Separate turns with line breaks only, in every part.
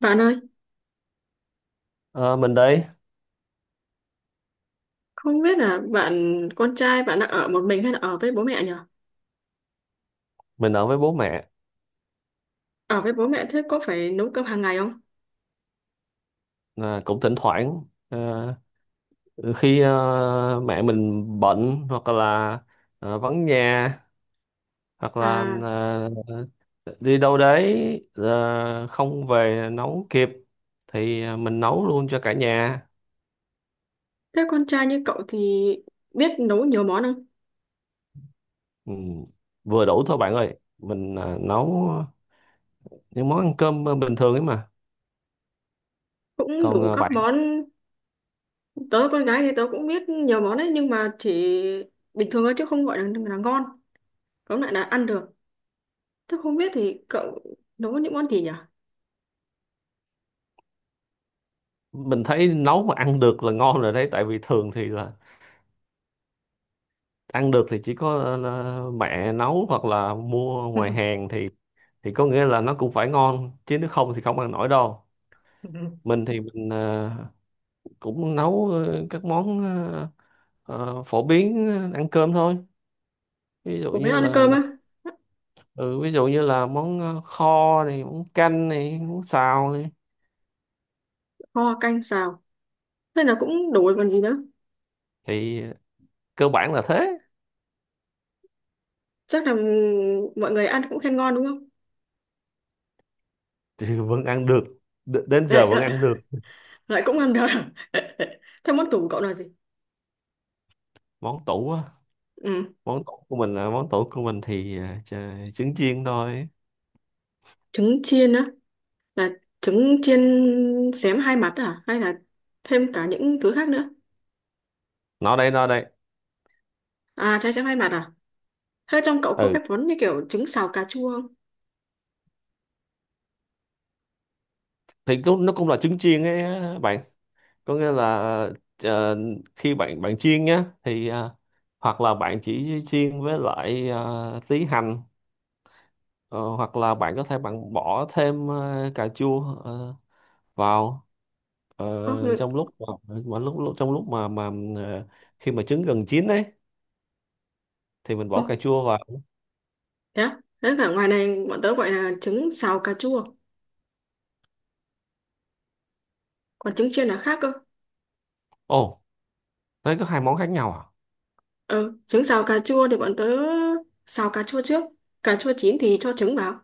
Bạn ơi,
Ờ, mình đây,
không biết là bạn con trai bạn đang ở một mình hay là ở với bố mẹ nhỉ?
mình ở với bố mẹ,
Ở với bố mẹ thế có phải nấu cơm hàng ngày không?
à, cũng thỉnh thoảng à, khi à, mẹ mình bệnh hoặc là à, vắng nhà hoặc là
À,
à, đi đâu đấy à, không về nấu kịp thì à, mình nấu luôn cho cả nhà.
thế con trai như cậu thì biết nấu nhiều món không?
Ừ, vừa đủ thôi bạn ơi, mình à, nấu những món ăn cơm bình thường ấy mà.
Cũng
Còn
đủ
à,
các
bạn,
món, tớ con gái thì tớ cũng biết nhiều món đấy nhưng mà chỉ bình thường thôi chứ không gọi là ngon, tóm lại là ăn được. Thế không biết thì cậu nấu những món gì nhỉ?
mình thấy nấu mà ăn được là ngon rồi đấy, tại vì thường thì là ăn được thì chỉ có mẹ nấu hoặc là mua ngoài hàng thì có nghĩa là nó cũng phải ngon chứ nếu không thì không ăn nổi đâu. Mình thì mình cũng nấu các món phổ biến ăn cơm thôi, ví dụ
Bố biết
như
ăn
là
cơm á,
ừ, ví dụ như là món kho này, món canh này, món xào này
kho canh xào, thế là cũng đủ rồi còn gì nữa.
thì cơ bản là thế.
Chắc là mọi người ăn cũng khen ngon đúng không?
Thì vẫn ăn được, đến giờ
Đấy,
vẫn ăn được.
lại cũng ăn được thế món tủ của cậu là gì?
Món tủ á?
Ừ.
Món tủ của mình thì trứng chiên thôi.
Trứng chiên á? Là trứng chiên xém hai mặt à hay là thêm cả những thứ khác nữa?
Nó đây, nó đây.
À, trái xém hai mặt à? Thế trong cậu có
Ừ
cái món như kiểu trứng xào cà chua không?
thì cũng, nó cũng là trứng chiên ấy á bạn, có nghĩa là ờ, khi bạn bạn chiên nhá thì, hoặc là bạn chỉ chiên với lại tí hành, ờ, hoặc là bạn có thể bạn bỏ thêm cà chua vào
Có.
trong lúc mà lúc trong lúc mà ờ, khi mà trứng gần chín ấy thì mình
Ô,
bỏ cà chua vào.
thế á? Thế cả ngoài này bọn tớ gọi là trứng xào cà chua, còn trứng chiên là khác cơ.
Ồ, đấy có hai món khác nhau à?
Ừ, trứng xào cà chua thì bọn tớ xào cà chua trước, cà chua chín thì cho trứng vào,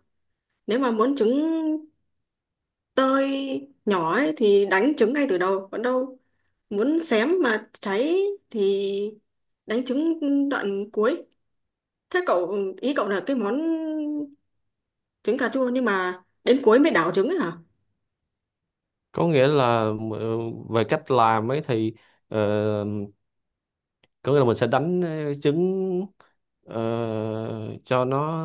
nếu mà muốn trứng tơi nhỏ ấy thì đánh trứng ngay từ đầu, còn đâu muốn xém mà cháy thì đánh trứng đoạn cuối. Thế cậu, ý cậu là cái món trứng cà chua nhưng mà đến cuối mới đảo trứng ấy hả?
Có nghĩa là ờ, về cách làm ấy thì ờ, có nghĩa là mình sẽ đánh trứng, ờ, cho nó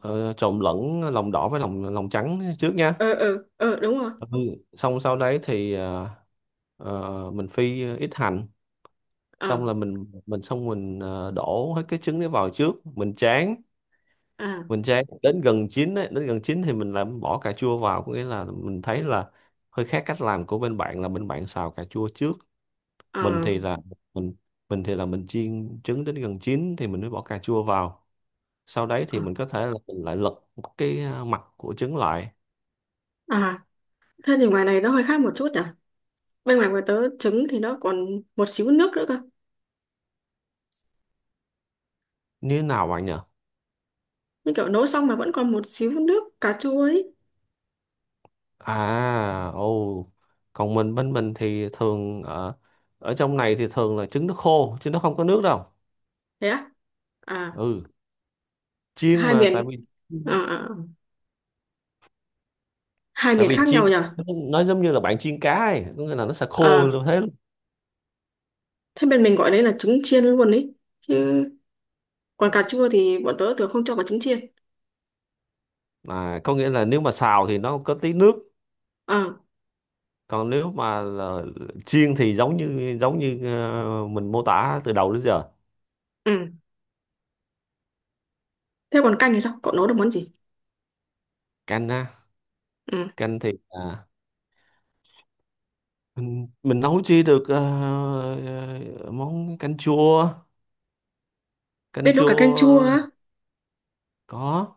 trộn lẫn lòng đỏ với lòng lòng trắng trước nha.
Ờ, ờ, ờ, đúng rồi.
Ừ. Xong sau đấy thì mình phi ít hành,
Ờ.
xong là mình đổ hết cái trứng đấy vào trước mình tráng.
À,
Mình tráng đến gần chín ấy, đến gần chín thì mình làm bỏ cà chua vào, có nghĩa là mình thấy là hơi khác cách làm của bên bạn là bên bạn xào cà chua trước. Mình
à,
thì là mình chiên trứng đến gần chín thì mình mới bỏ cà chua vào, sau đấy thì
à,
mình có thể là mình lại lật cái à, mặt của trứng lại.
à. Thế thì ngoài này nó hơi khác một chút nhỉ, bên ngoài của tớ trứng thì nó còn một xíu nước nữa cơ.
Như thế nào bạn nhỉ?
Như kiểu nấu xong mà vẫn còn một xíu nước cà chua ấy.
À, ồ, còn mình, bên mình thì thường ở ở trong này thì thường là trứng nó khô chứ nó không có nước đâu.
Thế á? À.
Ừ, chiên
Hai
mà tại
miền,
vì
à, à, hai
tại
miền
vì
khác
chiên
nhau nhỉ.
nó giống như là bạn chiên cá ấy, có nghĩa là nó sẽ khô
À,
như thế luôn.
thế bên mình gọi đấy là trứng chiên luôn ấy chứ, còn cà chua thì bọn tớ thường không cho vào trứng chiên.
À, có nghĩa là nếu mà xào thì nó có tí nước,
Ờ.
còn nếu mà là chiên thì giống như mình mô tả từ đầu đến giờ.
Ừ, thế còn canh thì sao cậu nấu được món gì?
Canh á?
Ừ,
Canh thì à, mình nấu chi được ờ, món canh chua, canh
biết nấu cả canh chua
chua.
á?
Có.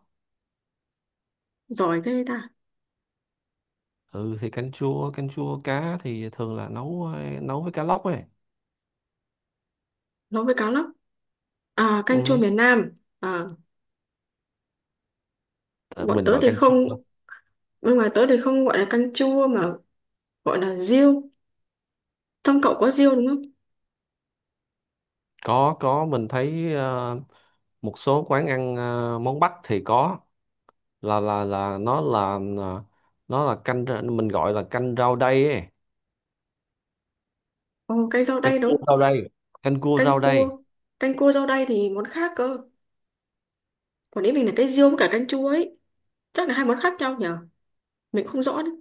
Giỏi ghê ta.
Ừ thì canh chua, canh chua cá thì thường là nấu với cá lóc ấy.
Nấu với cá lóc à? Canh chua
Ừ.
miền Nam. À,
ờ,
bọn
mình
tớ
gọi
thì
canh chua thôi.
không, bên ngoài tớ thì không gọi là canh chua mà gọi là riêu. Trong cậu có riêu đúng không?
Có, mình thấy một số quán ăn món Bắc thì có, là nó là canh, mình gọi là canh rau đay ấy.
Ồ, canh rau
Canh
đay
cua
đúng.
rau đây, canh cua
canh
rau
cua
đây.
Canh cua rau đay thì món khác cơ, còn ý mình là cái riêu với cả canh chua ấy, chắc là hai món khác nhau nhở, mình không rõ đấy.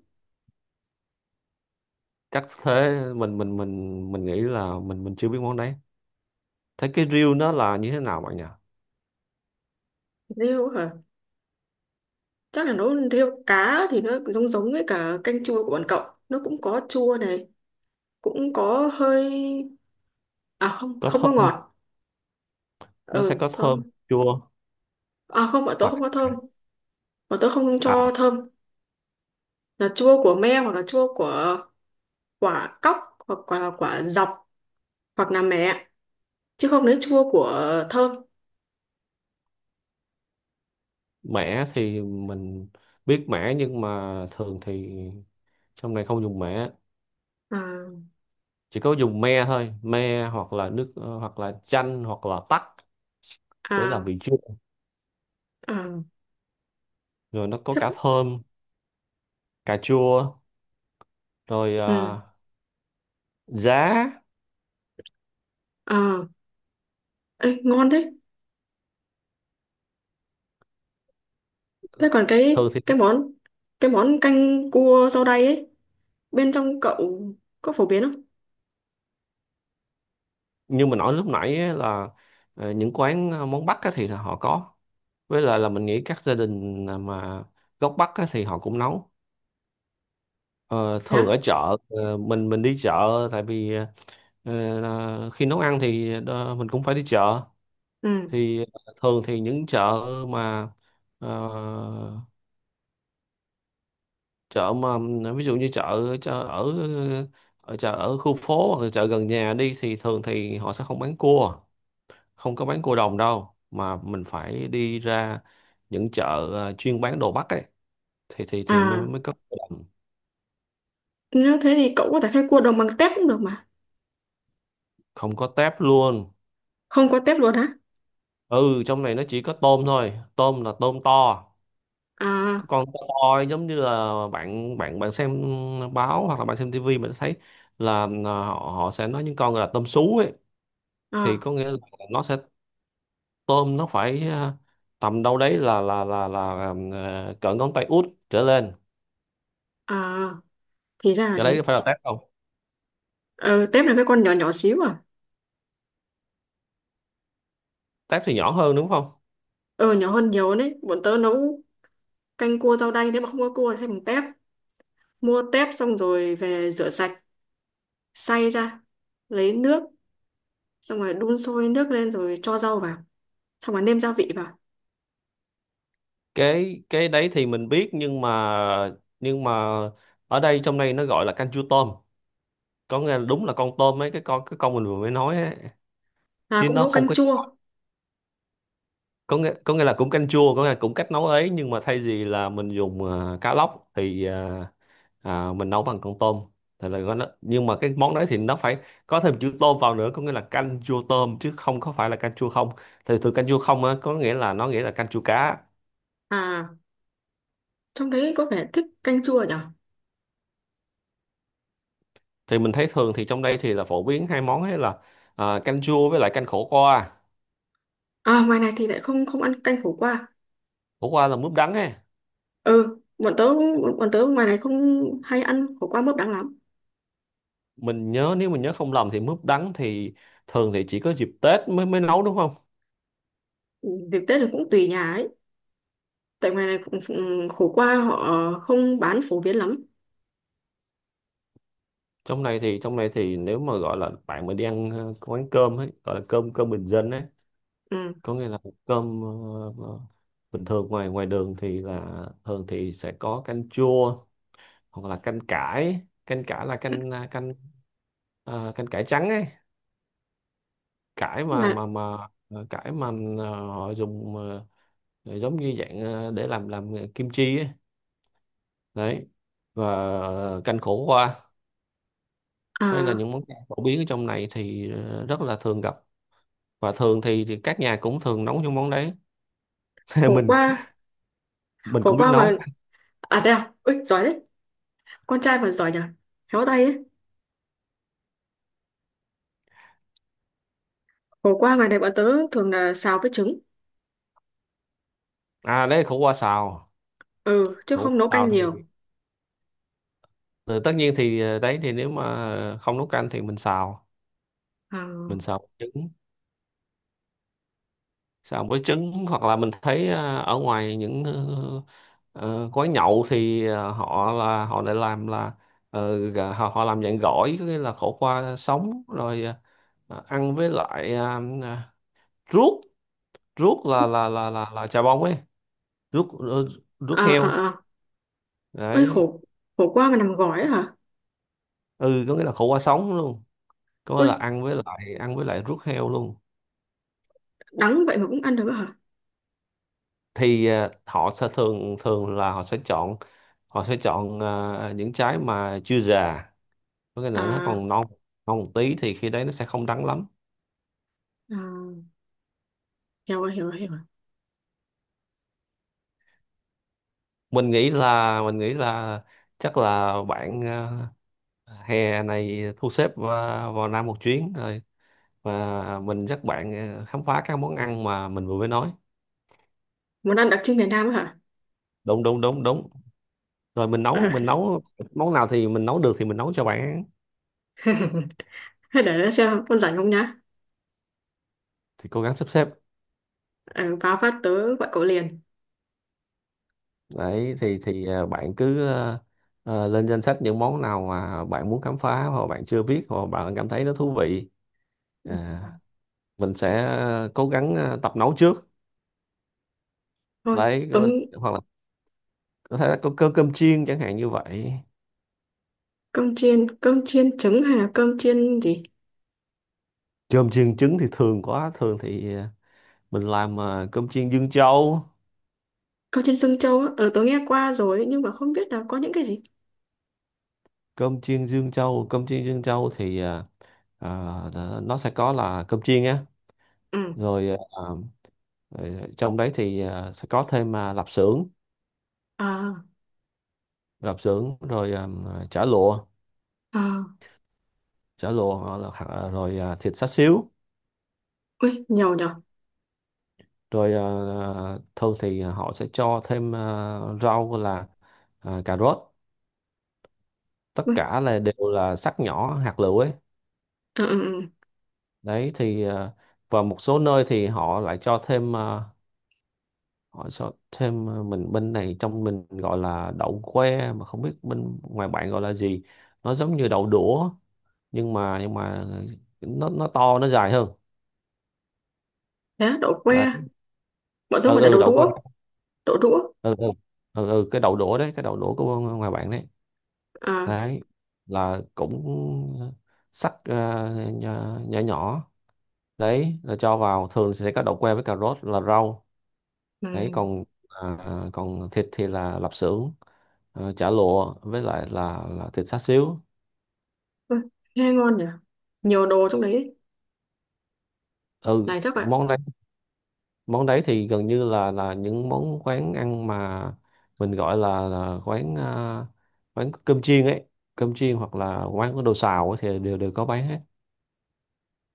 Chắc thế, mình nghĩ là mình chưa biết món đấy. Thế cái riêu nó là như thế nào bạn nhỉ?
Riêu hả? Chắc là nấu theo cá thì nó giống giống với cả canh chua của bọn cậu, nó cũng có chua này, cũng có hơi, à không,
Có
không có
thơm.
ngọt.
Nó sẽ
Ừ
có thơm,
không.
chua,
À không, bọn tớ
và
không có thơm, bọn tớ không cho
à,
thơm. Là chua của me, hoặc là chua của quả cóc, hoặc là quả dọc, hoặc là mẹ, chứ không lấy chua của thơm.
mẻ thì mình biết mẻ, nhưng mà thường thì trong này không dùng mẻ,
À,
chỉ có dùng me thôi, me hoặc là nước, hoặc là chanh hoặc là tắc, để làm
à,
vị chua,
à,
rồi nó có
thế
cả
cũng.
thơm, cà chua, rồi
Ừ.
à, giá.
À. Ê, ngon thế. Thế còn
Thường thì
cái món canh cua rau đay ấy, bên trong cậu có phổ biến không?
như mình nói lúc nãy á, là những quán món Bắc á, thì là họ có, với lại là mình nghĩ các gia đình mà gốc Bắc á, thì họ cũng nấu. Ờ,
Thế
thường
á?
ở chợ, mình đi chợ, tại vì là khi nấu ăn thì mình cũng phải đi chợ.
Ừ.
Thì thường thì những chợ mà ờ, chợ mà, ví dụ như chợ ở ở chợ ở khu phố hoặc là chợ gần nhà đi thì thường thì họ sẽ không bán cua, không có bán cua đồng đâu, mà mình phải đi ra những chợ chuyên bán đồ Bắc ấy thì mới
À,
mới có cua đồng.
nếu thế thì cậu có thể thay cua đồng bằng tép cũng được mà.
Không có tép luôn.
Không có tép luôn hả?
Ừ, trong này nó chỉ có tôm thôi, tôm là tôm to. Cái
À,
con to to giống như là bạn bạn bạn xem báo hoặc là bạn xem tivi, mình thấy là họ họ sẽ nói những con là tôm sú ấy, thì
à,
có nghĩa là nó sẽ, tôm nó phải tầm đâu đấy là cỡ ngón tay út trở lên.
à, thì ra là
Cái đấy
thế.
phải là tép không?
Ờ, tép là cái con nhỏ nhỏ xíu à?
Tép thì nhỏ hơn đúng không?
Ờ, nhỏ hơn nhiều đấy, bọn tớ nấu canh cua rau đay nếu mà không có cua thì thay bằng tép, mua tép xong rồi về rửa sạch, xay ra, lấy nước, xong rồi đun sôi nước lên rồi cho rau vào, xong rồi nêm gia vị vào.
Cái đấy thì mình biết, nhưng mà nhưng mà ở đây, trong đây nó gọi là canh chua tôm, có nghĩa là đúng là con tôm ấy, cái con mình vừa mới nói ấy,
À,
chứ
cũng
nó
nấu
không
canh
có,
chua.
có nghĩa, là cũng canh chua, có nghĩa là cũng cách nấu ấy nhưng mà thay vì là mình dùng à, cá lóc thì à, mình nấu bằng con tôm, thì là nó, nhưng mà cái món đấy thì nó phải có thêm chữ tôm vào nữa, có nghĩa là canh chua tôm chứ không có phải là canh chua không, thì từ canh chua không á có nghĩa là nó nghĩa là canh chua cá.
À, trong đấy có vẻ thích canh chua nhỉ.
Thì mình thấy thường thì trong đây thì là phổ biến hai món ấy là à, canh chua với lại canh khổ qua.
À, ngoài này thì lại không không ăn canh khổ qua.
Khổ qua là mướp đắng ấy.
Ừ, bọn tớ ngoài này không hay ăn khổ qua mướp đắng lắm.
Mình nhớ, nếu mình nhớ không lầm thì mướp đắng thì thường thì chỉ có dịp Tết mới mới nấu đúng không?
Ừ, dịp Tết là cũng tùy nhà ấy. Tại ngoài này cũng, khổ qua họ không bán phổ biến lắm.
Trong này thì nếu mà gọi là bạn mà đi ăn quán cơm ấy gọi là cơm cơm bình dân ấy,
Ừ.
có nghĩa là cơm ờ, bình thường, ngoài ngoài đường thì là thường thì sẽ có canh chua hoặc là canh cải, canh cải là canh à, canh canh cải trắng ấy, cải mà
Là,
cải mà họ dùng giống như dạng để làm kim chi ấy. Đấy. Và canh khổ qua, đây là
à,
những món ăn phổ biến ở trong này thì rất là thường gặp, và thường thì, các nhà cũng thường nấu những món đấy.
Khổ
mình
qua
mình
khổ
cũng biết
qua
nấu.
mà, à đây à, ui, giỏi đấy. Con trai mà giỏi nhỉ. Khéo tay ấy. Khổ qua ngoài này bọn tớ thường là xào với trứng.
À đấy, khổ qua xào.
Ừ, chứ
Khổ
không
qua
nấu canh
xào thì
nhiều.
ờ, tất nhiên thì đấy thì nếu mà không nấu canh thì mình xào, mình
À,
xào trứng, xào với trứng, hoặc là mình thấy ở ngoài những quán nhậu thì họ lại làm là họ họ làm dạng gỏi, có nghĩa là khổ qua sống rồi ăn với lại ruốc, ruốc là chà bông ấy, ruốc
à,
ruốc heo.
à, à. Ui,
Đấy.
khổ khổ qua mà nằm gói ấy hả?
Ừ, có nghĩa là khổ qua sống luôn, có nghĩa
Ui,
là ăn với lại ruốc heo luôn.
đắng vậy mà cũng ăn được ấy hả?
Thì họ sẽ thường thường là họ sẽ chọn những trái mà chưa già, có nghĩa là nó
À,
còn non, non một tí thì khi đấy nó sẽ không đắng lắm.
à, hiểu rồi hiểu rồi hiểu rồi.
Mình nghĩ là chắc là bạn hè này thu xếp vào Nam một chuyến, rồi và mình dắt bạn khám phá các món ăn mà mình vừa mới nói.
Món ăn đặc trưng miền Nam hả?
Đúng đúng đúng đúng, rồi mình
Ờ.
nấu, món nào thì mình nấu được thì mình nấu cho bạn ăn.
Thế để xem con rảnh không nhá.
Thì cố gắng sắp xếp.
Ờ, vào phát tớ gọi cậu liền.
Đấy thì bạn cứ lên danh sách những món nào mà bạn muốn khám phá, hoặc bạn chưa biết, hoặc bạn cảm thấy nó thú vị. À, mình sẽ cố gắng tập nấu trước.
Thôi
Đấy,
tớ,
hoặc là có thể là có cơm cơm chiên chẳng hạn như vậy.
cơm chiên, cơm chiên trứng hay là cơm chiên gì?
Cơm chiên trứng thì thường quá. Thường thì mình làm cơm chiên Dương Châu.
Cơm chiên Dương Châu á? Ờ, tớ nghe qua rồi ấy, nhưng mà không biết là có những cái gì.
Cơm chiên Dương Châu. Cơm chiên Dương Châu thì nó sẽ có là cơm chiên á.
Ừ.
Rồi rồi trong đấy thì sẽ có thêm lạp xưởng.
Ờ,
Lạp xưởng, rồi chả lụa.
ờ.
Chả lụa rồi thịt xá xíu.
Ui, nhiều nhở.
Rồi thường thì họ sẽ cho thêm rau, là cà rốt. Tất
Ui.
cả là đều là sắc nhỏ hạt lựu ấy.
Ờ. Ừ, ừ.
Đấy thì và một số nơi thì họ lại cho thêm họ cho thêm mình bên này, trong mình gọi là đậu que, mà không biết bên ngoài bạn gọi là gì. Nó giống như đậu đũa, nhưng mà nó to, nó dài hơn.
Thế á, đậu que,
Đấy.
bọn tớ
Ừ,
gọi là
ừ,
đậu
đậu que.
đũa. Đậu đũa.
Ừ, ừ, ừ, ừ, cái đậu đũa đấy, cái đậu đũa của ngoài bạn đấy.
Ờ.
Đấy là cũng sắc nhỏ nhỏ nhỏ. Đấy là cho vào, thường sẽ có đậu que với cà rốt là rau. Đấy
Ừ.
còn à, còn thịt thì là lạp xưởng, chả lụa, với lại là thịt xá xíu.
Ui, nghe ngon nhỉ, nhiều đồ trong đấy.
Ừ,
Này chắc vậy.
món đấy. Món đấy thì gần như là những món quán ăn mà mình gọi là quán à, quán cơm chiên ấy. Cơm chiên hoặc là quán có đồ xào ấy, thì đều đều có bán hết.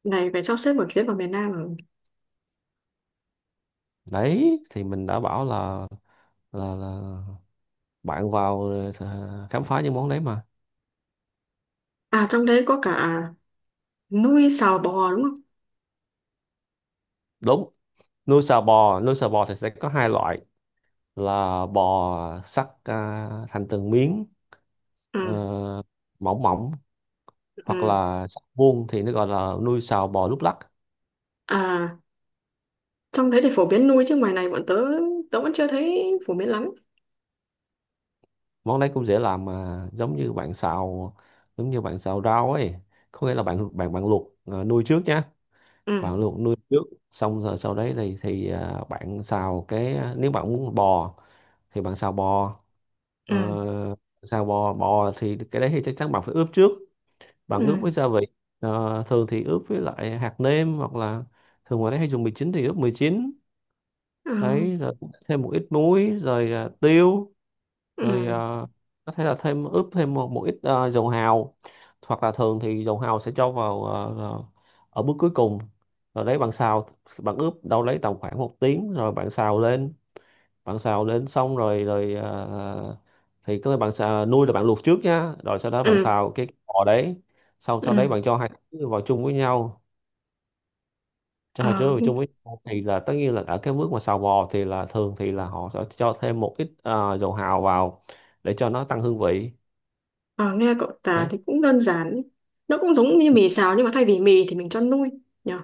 Này phải sắp xếp một chuyến vào miền Nam rồi.
Đấy thì mình đã bảo là bạn vào khám phá những món đấy mà.
À, trong đấy có cả nuôi sò bò đúng không?
Đúng, nuôi sò bò. Nuôi sò bò thì sẽ có hai loại, là bò sắt à, thành từng miếng ờ,
Ừ,
mỏng mỏng, hoặc
ừ.
là sắt vuông thì nó gọi là nuôi sò bò lúc lắc.
À, trong đấy thì phổ biến nuôi chứ ngoài này bọn tớ tớ vẫn chưa thấy phổ biến lắm.
Món đấy cũng dễ làm, mà giống như bạn xào rau ấy. Có nghĩa là bạn bạn bạn luộc à, nuôi trước nhá.
Ừ,
Bạn luộc nuôi trước, xong rồi sau đấy thì à, bạn xào cái à, nếu bạn muốn bò thì bạn xào bò. Ờ,
ừ,
xào bò bò thì cái đấy thì chắc chắn bạn phải ướp trước. Bạn ướp
ừ,
với gia vị. Ờ, thường thì ướp với lại hạt nêm, hoặc là thường ngoài đấy hay dùng mì chính thì ướp mì chín.
Ờ,
Đấy, rồi thêm một ít muối, rồi à, tiêu. Rồi
ừ,
có thể là thêm ướp thêm một ít dầu hào, hoặc là thường thì dầu hào sẽ cho vào ở bước cuối cùng. Rồi đấy bạn xào, bạn ướp đâu lấy tầm khoảng 1 tiếng rồi bạn xào lên. Bạn xào lên xong rồi rồi ờ, thì cái bạn xào, nuôi là bạn luộc trước nhá, rồi sau đó bạn
ừ,
xào cái bò đấy. Xong sau đấy
ừ.
bạn cho hai thứ vào chung với nhau. Cho hai thứ
Ờ.
vào chung với nhau thì là tất nhiên là ở cái bước mà xào bò thì là thường thì là họ sẽ cho thêm một ít dầu hào vào, để cho nó tăng hương vị.
Ờ, nghe cậu tả
Đấy.
thì cũng đơn giản ấy. Nó cũng giống như mì xào nhưng mà thay vì mì thì mình cho nuôi nhở.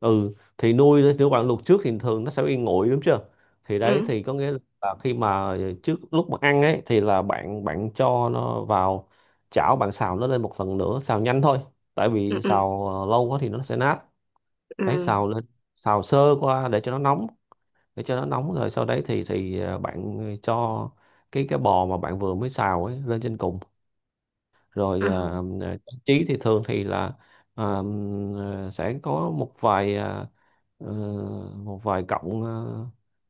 Ừ, thì nuôi nếu bạn luộc trước thì thường nó sẽ bị nguội, đúng chưa. Thì đấy
Ừ,
thì có nghĩa là khi mà trước lúc mà ăn ấy, thì là bạn bạn cho nó vào chảo, bạn xào nó lên một lần nữa, xào nhanh thôi. Tại
ừ,
vì
ừ,
xào lâu quá thì nó sẽ nát.
ừ.
Đấy, xào lên, xào sơ qua để cho nó nóng. Để cho nó nóng rồi sau đấy thì bạn cho cái bò mà bạn vừa mới xào ấy lên trên cùng. Rồi
Ờ,
trang trí thì thường thì là à, sẽ có ờ, một vài cọng à,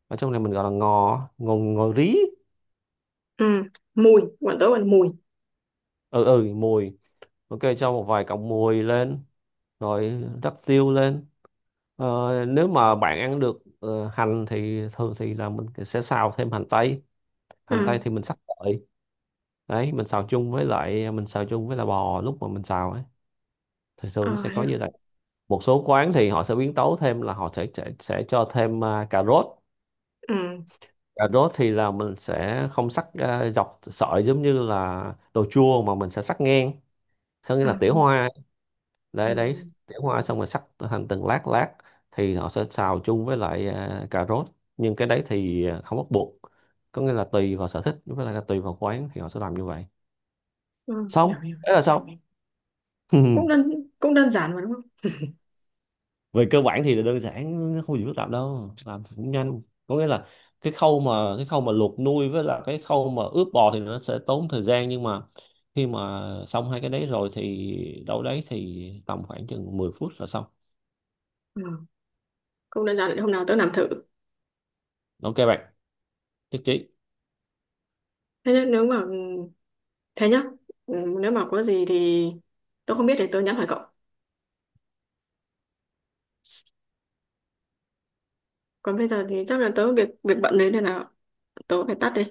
ở trong này mình gọi là ngò ngò ngò rí.
ừ, mùi bọn tớ gọi là mùi.
Ừ, ừ, mùi. Ok, cho một vài cọng mùi lên. Rồi rắc tiêu lên. Ờ, nếu mà bạn ăn được hành thì thường thì là mình sẽ xào thêm hành tây. Hành tây
Ừ.
thì mình sắc sợi. Đấy, mình xào chung với là bò lúc mà mình xào ấy, thì thường nó
Ờ,
sẽ có
hiểu.
như vậy. Một số quán thì họ sẽ biến tấu thêm là họ sẽ cho thêm à, cà rốt.
Ừ,
Cà rốt thì là mình sẽ không sắc à, dọc sợi giống như là đồ chua, mà mình sẽ sắc ngang, có nghĩa là
ừ,
tỉa hoa. Đấy, đấy,
ừ.
tỉa hoa xong rồi sắc thành từng lát lát, thì họ sẽ xào chung với lại à, cà rốt. Nhưng cái đấy thì à, không bắt buộc. Có nghĩa là tùy vào sở thích với lại là tùy vào quán thì họ sẽ làm như vậy.
Ờ,
Xong
hiểu hiểu
đấy
hiểu.
là xong.
cũng đơn Cũng đơn giản mà đúng không?
Về cơ bản thì là đơn giản, nó không gì phức tạp đâu, làm cũng nhanh. Có nghĩa là cái khâu mà luộc nuôi với là cái khâu mà ướp bò thì nó sẽ tốn thời gian, nhưng mà khi mà xong hai cái đấy rồi thì đâu đấy thì tầm khoảng chừng 10 phút là xong.
Ừ, không đơn giản, hôm nào tớ làm thử.
Ok bạn, nhất trí.
thế nhá nếu mà Thế nhá. Ừ, nếu mà có gì thì tớ không biết thì tớ nhắn hỏi cậu, còn bây giờ thì chắc là tớ việc việc bận đấy nên là tớ phải tắt đi.